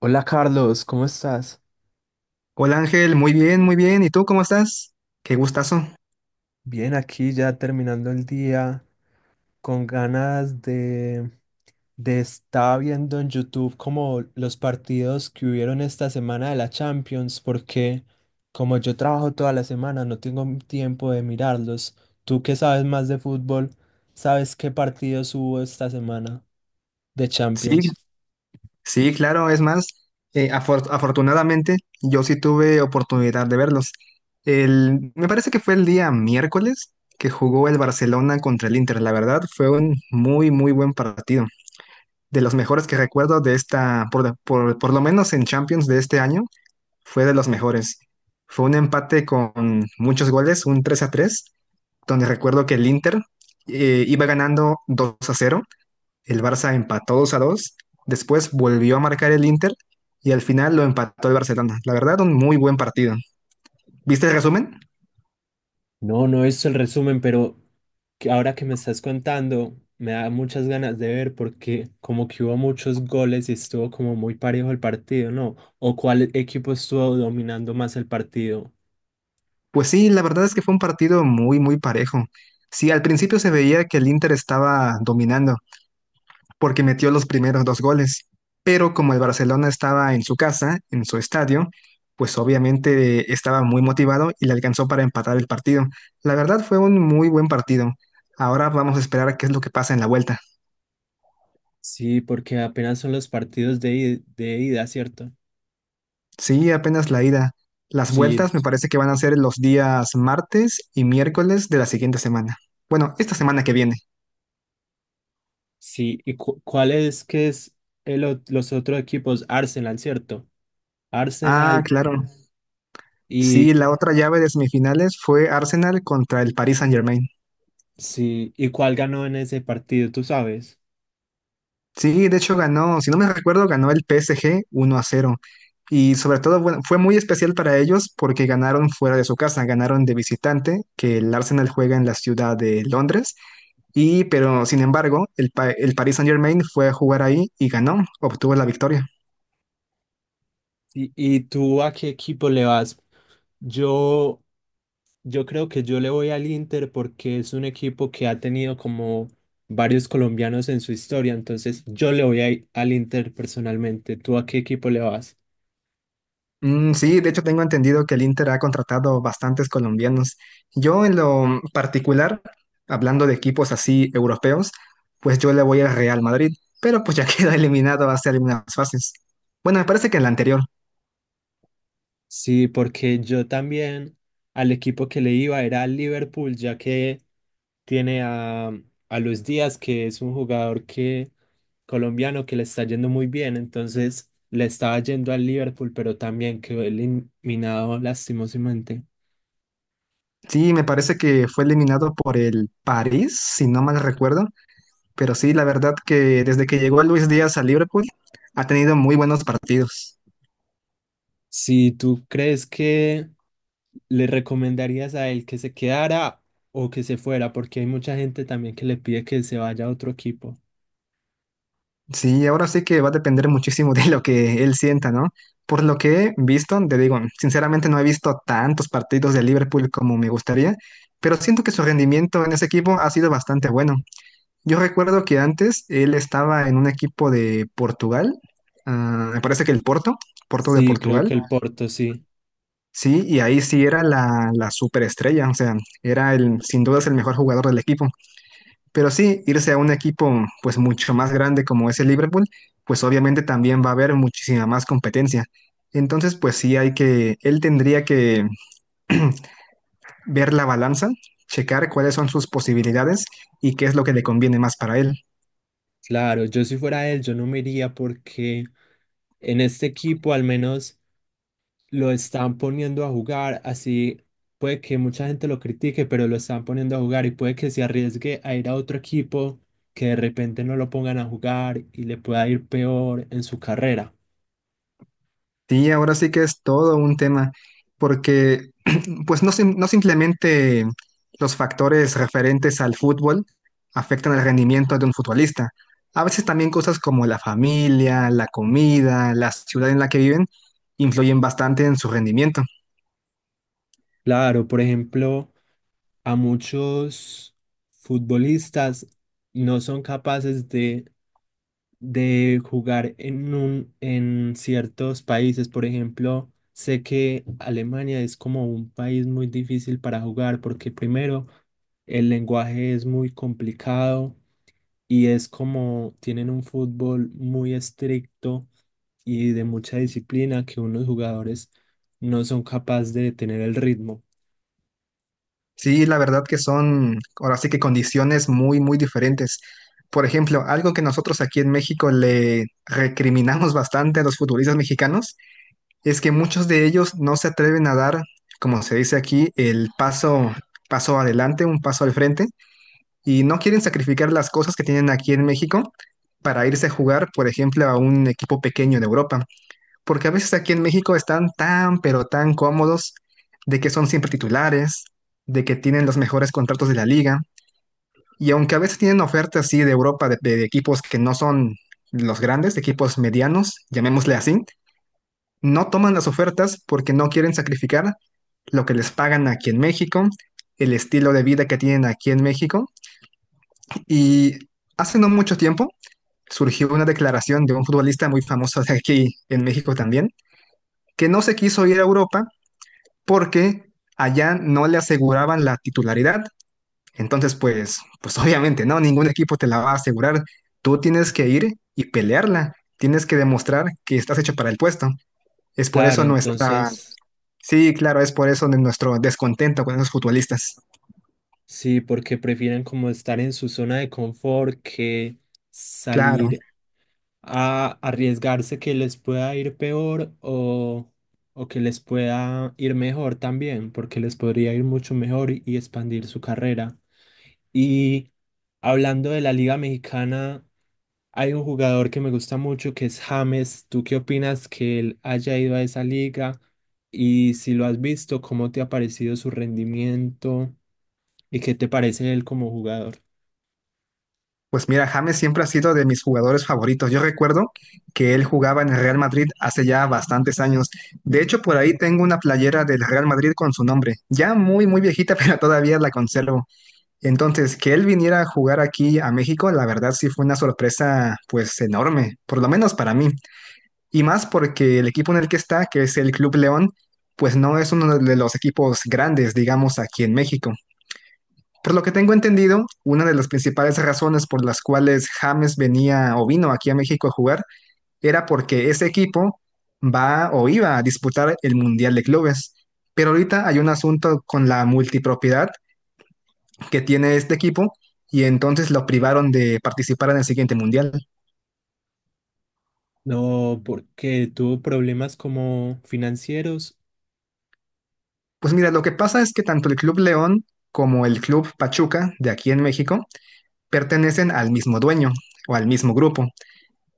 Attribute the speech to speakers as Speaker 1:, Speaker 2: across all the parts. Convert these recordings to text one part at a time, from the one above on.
Speaker 1: Hola Carlos, ¿cómo estás?
Speaker 2: Hola Ángel, muy bien, muy bien. ¿Y tú cómo estás? Qué gustazo.
Speaker 1: Bien, aquí ya terminando el día, con ganas de estar viendo en YouTube como los partidos que hubieron esta semana de la Champions, porque como yo trabajo toda la semana, no tengo tiempo de mirarlos. Tú que sabes más de fútbol, ¿sabes qué partidos hubo esta semana? De
Speaker 2: Sí,
Speaker 1: Champions.
Speaker 2: sí, claro, es más, afortunadamente yo sí tuve oportunidad de verlos. Me parece que fue el día miércoles que jugó el Barcelona contra el Inter. La verdad, fue un muy, muy buen partido. De los mejores que recuerdo de por lo menos en Champions de este año, fue de los mejores. Fue un empate con muchos goles, un 3-3, donde recuerdo que el Inter iba ganando 2-0, el Barça empató 2-2, después volvió a marcar el Inter y al final lo empató el Barcelona. La verdad, un muy buen partido. ¿Viste el resumen?
Speaker 1: No, no he visto el resumen, pero que ahora que me estás contando, me da muchas ganas de ver porque como que hubo muchos goles y estuvo como muy parejo el partido, ¿no? ¿O cuál equipo estuvo dominando más el partido?
Speaker 2: Pues sí, la verdad es que fue un partido muy, muy parejo. Sí, al principio se veía que el Inter estaba dominando, porque metió los primeros dos goles. Pero como el Barcelona estaba en su casa, en su estadio, pues obviamente estaba muy motivado y le alcanzó para empatar el partido. La verdad fue un muy buen partido. Ahora vamos a esperar a qué es lo que pasa en la vuelta.
Speaker 1: Sí, porque apenas son los partidos de, de ida, ¿cierto?
Speaker 2: Sí, apenas la ida. Las
Speaker 1: Sí.
Speaker 2: vueltas me parece que van a ser los días martes y miércoles de la siguiente semana. Bueno, esta semana que viene.
Speaker 1: Sí, ¿y cuál es que es el, los otros equipos? Arsenal, ¿cierto?
Speaker 2: Ah,
Speaker 1: Arsenal
Speaker 2: claro.
Speaker 1: y
Speaker 2: Sí, la otra llave de semifinales fue Arsenal contra el Paris Saint-Germain.
Speaker 1: sí, ¿y cuál ganó en ese partido, tú sabes?
Speaker 2: Sí, de hecho ganó, si no me recuerdo, ganó el PSG 1-0. Y sobre todo, bueno, fue muy especial para ellos porque ganaron fuera de su casa, ganaron de visitante, que el Arsenal juega en la ciudad de Londres. Y, pero sin embargo, el Paris Saint-Germain fue a jugar ahí y ganó, obtuvo la victoria.
Speaker 1: Y tú a qué equipo le vas? Yo yo creo que yo le voy al Inter porque es un equipo que ha tenido como varios colombianos en su historia, entonces yo le voy al Inter personalmente. ¿Tú a qué equipo le vas?
Speaker 2: Mm, sí, de hecho tengo entendido que el Inter ha contratado bastantes colombianos. Yo en lo particular, hablando de equipos así europeos, pues yo le voy al Real Madrid, pero pues ya queda eliminado hace algunas fases. Bueno, me parece que en la anterior.
Speaker 1: Sí, porque yo también al equipo que le iba era al Liverpool, ya que tiene a Luis Díaz, que es un jugador que colombiano que le está yendo muy bien, entonces le estaba yendo al Liverpool, pero también quedó eliminado lastimosamente.
Speaker 2: Sí, me parece que fue eliminado por el París, si no mal recuerdo. Pero sí, la verdad que desde que llegó Luis Díaz a Liverpool, ha tenido muy buenos partidos.
Speaker 1: Si tú crees que le recomendarías a él que se quedara o que se fuera, porque hay mucha gente también que le pide que se vaya a otro equipo.
Speaker 2: Sí, ahora sí que va a depender muchísimo de lo que él sienta, ¿no? Por lo que he visto, te digo, sinceramente no he visto tantos partidos de Liverpool como me gustaría, pero siento que su rendimiento en ese equipo ha sido bastante bueno. Yo recuerdo que antes él estaba en un equipo de Portugal, ah, me parece que el Porto, Porto de
Speaker 1: Sí, creo
Speaker 2: Portugal,
Speaker 1: que el Porto, sí.
Speaker 2: sí, y ahí sí era la superestrella, o sea, era sin duda es el mejor jugador del equipo. Pero sí, irse a un equipo pues mucho más grande como es el Liverpool, pues obviamente también va a haber muchísima más competencia. Entonces, pues sí hay que, él tendría que ver la balanza, checar cuáles son sus posibilidades y qué es lo que le conviene más para él.
Speaker 1: Claro, yo si fuera él, yo no me iría porque en este equipo al menos lo están poniendo a jugar, así puede que mucha gente lo critique, pero lo están poniendo a jugar y puede que se arriesgue a ir a otro equipo que de repente no lo pongan a jugar y le pueda ir peor en su carrera.
Speaker 2: Sí, ahora sí que es todo un tema, porque pues no, no simplemente los factores referentes al fútbol afectan el rendimiento de un futbolista. A veces también cosas como la familia, la comida, la ciudad en la que viven, influyen bastante en su rendimiento.
Speaker 1: Claro, por ejemplo, a muchos futbolistas no son capaces de jugar en un, en ciertos países. Por ejemplo, sé que Alemania es como un país muy difícil para jugar porque primero el lenguaje es muy complicado y es como tienen un fútbol muy estricto y de mucha disciplina que unos jugadores no son capaces de tener el ritmo.
Speaker 2: Sí, la verdad que son ahora sí que condiciones muy, muy diferentes. Por ejemplo, algo que nosotros aquí en México le recriminamos bastante a los futbolistas mexicanos. Es que muchos de ellos no se atreven a dar, como se dice aquí, el paso, paso adelante, un paso al frente, y no quieren sacrificar las cosas que tienen aquí en México para irse a jugar, por ejemplo, a un equipo pequeño de Europa, porque a veces aquí en México están tan, pero tan cómodos de que son siempre titulares, de que tienen los mejores contratos de la liga, y aunque a veces tienen ofertas así de Europa de equipos que no son los grandes, de equipos medianos, llamémosle así, no toman las ofertas porque no quieren sacrificar lo que les pagan aquí en México, el estilo de vida que tienen aquí en México. Y hace no mucho tiempo surgió una declaración de un futbolista muy famoso de aquí en México también, que no se quiso ir a Europa porque allá no le aseguraban la titularidad. Entonces, pues, pues obviamente, ¿no? Ningún equipo te la va a asegurar. Tú tienes que ir y pelearla. Tienes que demostrar que estás hecho para el puesto. Es por
Speaker 1: Claro,
Speaker 2: eso nuestra,
Speaker 1: entonces...
Speaker 2: sí, claro, es por eso de nuestro descontento con esos futbolistas.
Speaker 1: Sí, porque prefieren como estar en su zona de confort que
Speaker 2: Claro,
Speaker 1: salir a arriesgarse que les pueda ir peor o que les pueda ir mejor también, porque les podría ir mucho mejor y expandir su carrera. Y hablando de la Liga Mexicana, hay un jugador que me gusta mucho que es James. ¿Tú qué opinas que él haya ido a esa liga? Y si lo has visto, ¿cómo te ha parecido su rendimiento? ¿Y qué te parece él como jugador?
Speaker 2: pues mira, James siempre ha sido de mis jugadores favoritos. Yo recuerdo que él jugaba en el Real Madrid hace ya bastantes años. De hecho, por ahí tengo una playera del Real Madrid con su nombre, ya muy, muy viejita, pero todavía la conservo. Entonces, que él viniera a jugar aquí a México, la verdad sí fue una sorpresa, pues enorme, por lo menos para mí. Y más porque el equipo en el que está, que es el Club León, pues no es uno de los equipos grandes, digamos, aquí en México. Por lo que tengo entendido, una de las principales razones por las cuales James venía o vino aquí a México a jugar era porque ese equipo va o iba a disputar el Mundial de Clubes. Pero ahorita hay un asunto con la multipropiedad que tiene este equipo y entonces lo privaron de participar en el siguiente Mundial.
Speaker 1: No, porque tuvo problemas como financieros.
Speaker 2: Pues mira, lo que pasa es que tanto el Club León como el Club Pachuca de aquí en México pertenecen al mismo dueño o al mismo grupo.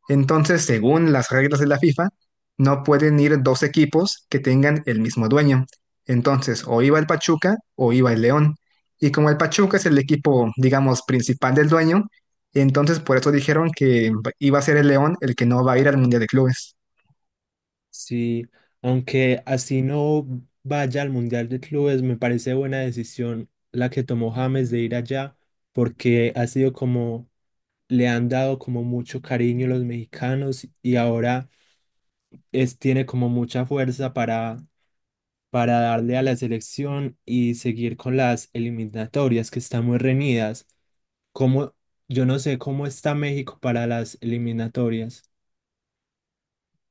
Speaker 2: Entonces, según las reglas de la FIFA, no pueden ir dos equipos que tengan el mismo dueño. Entonces, o iba el Pachuca o iba el León. Y como el Pachuca es el equipo, digamos, principal del dueño, entonces por eso dijeron que iba a ser el León el que no va a ir al Mundial de Clubes.
Speaker 1: Sí, aunque así no vaya al Mundial de Clubes, me parece buena decisión la que tomó James de ir allá, porque ha sido como, le han dado como mucho cariño los mexicanos y ahora es, tiene como mucha fuerza para darle a la selección y seguir con las eliminatorias que están muy reñidas. Como, yo no sé cómo está México para las eliminatorias.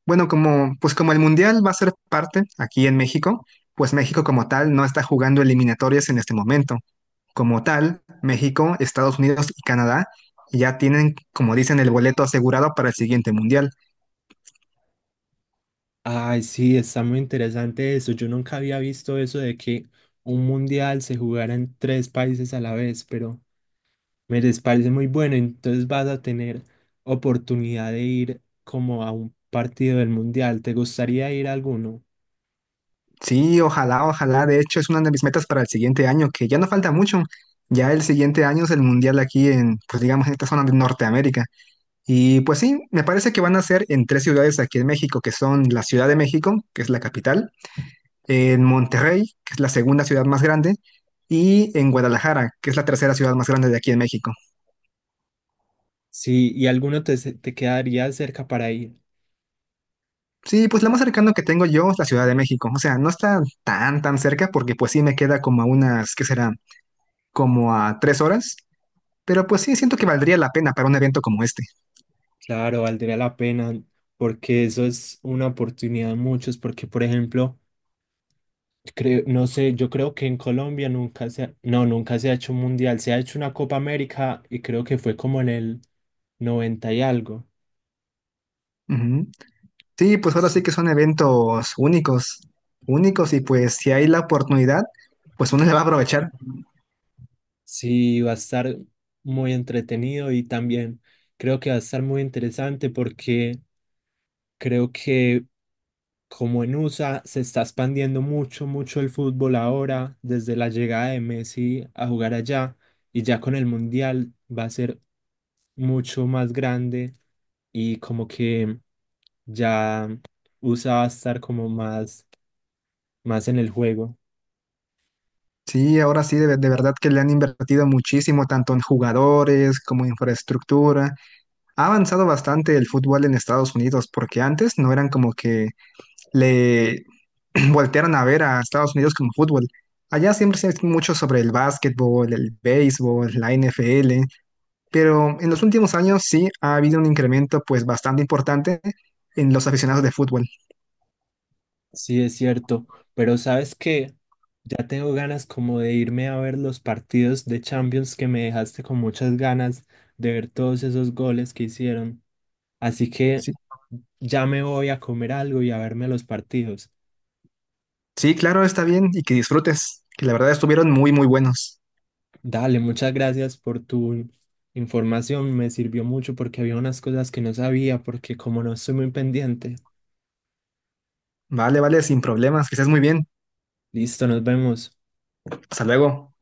Speaker 2: Bueno, como, pues como el Mundial va a ser parte aquí en México, pues México como tal no está jugando eliminatorias en este momento. Como tal, México, Estados Unidos y Canadá ya tienen, como dicen, el boleto asegurado para el siguiente mundial.
Speaker 1: Ay, sí, está muy interesante eso. Yo nunca había visto eso de que un mundial se jugara en tres países a la vez, pero me les parece muy bueno. Entonces vas a tener oportunidad de ir como a un partido del mundial. ¿Te gustaría ir a alguno?
Speaker 2: Sí, ojalá, ojalá. De hecho, es una de mis metas para el siguiente año, que ya no falta mucho. Ya el siguiente año es el mundial aquí en, pues digamos, en esta zona de Norteamérica. Y pues sí, me parece que van a ser en tres ciudades aquí en México, que son la Ciudad de México, que es la capital, en Monterrey, que es la segunda ciudad más grande, y en Guadalajara, que es la tercera ciudad más grande de aquí en México.
Speaker 1: Sí, y alguno te, te quedaría cerca para ir.
Speaker 2: Sí, pues lo más cercano que tengo yo es la Ciudad de México. O sea, no está tan, tan cerca porque pues sí me queda como a unas, ¿qué será? Como a tres horas. Pero pues sí, siento que valdría la pena para un evento como este.
Speaker 1: Claro, valdría la pena porque eso es una oportunidad de muchos, porque por ejemplo... Creo, no sé, yo creo que en Colombia nunca se ha, no, nunca se ha hecho un mundial, se ha hecho una Copa América y creo que fue como en el noventa y algo.
Speaker 2: Ujú. Sí, pues ahora sí
Speaker 1: Sí,
Speaker 2: que son eventos únicos, únicos y pues si hay la oportunidad, pues uno le va a aprovechar.
Speaker 1: sí, va a estar muy entretenido y también creo que va a estar muy interesante porque creo que como en USA se está expandiendo mucho, mucho el fútbol ahora, desde la llegada de Messi a jugar allá y ya con el mundial va a ser mucho más grande y como que ya usaba estar como más, más en el juego.
Speaker 2: Sí, ahora sí, de verdad que le han invertido muchísimo, tanto en jugadores como infraestructura. Ha avanzado bastante el fútbol en Estados Unidos porque antes no eran como que le voltearon a ver a Estados Unidos como fútbol. Allá siempre se ha mucho sobre el básquetbol, el béisbol, la NFL, pero en los últimos años sí ha habido un incremento pues bastante importante en los aficionados de fútbol.
Speaker 1: Sí, es cierto, pero sabes que ya tengo ganas como de irme a ver los partidos de Champions que me dejaste con muchas ganas de ver todos esos goles que hicieron. Así que
Speaker 2: Sí,
Speaker 1: ya me voy a comer algo y a verme los partidos.
Speaker 2: sí, claro, está bien y que disfrutes, que la verdad estuvieron muy, muy buenos.
Speaker 1: Dale, muchas gracias por tu información, me sirvió mucho porque había unas cosas que no sabía porque como no estoy muy pendiente.
Speaker 2: Vale, vale, sin problemas, que estés muy bien.
Speaker 1: Listo, nos vemos.
Speaker 2: Hasta luego.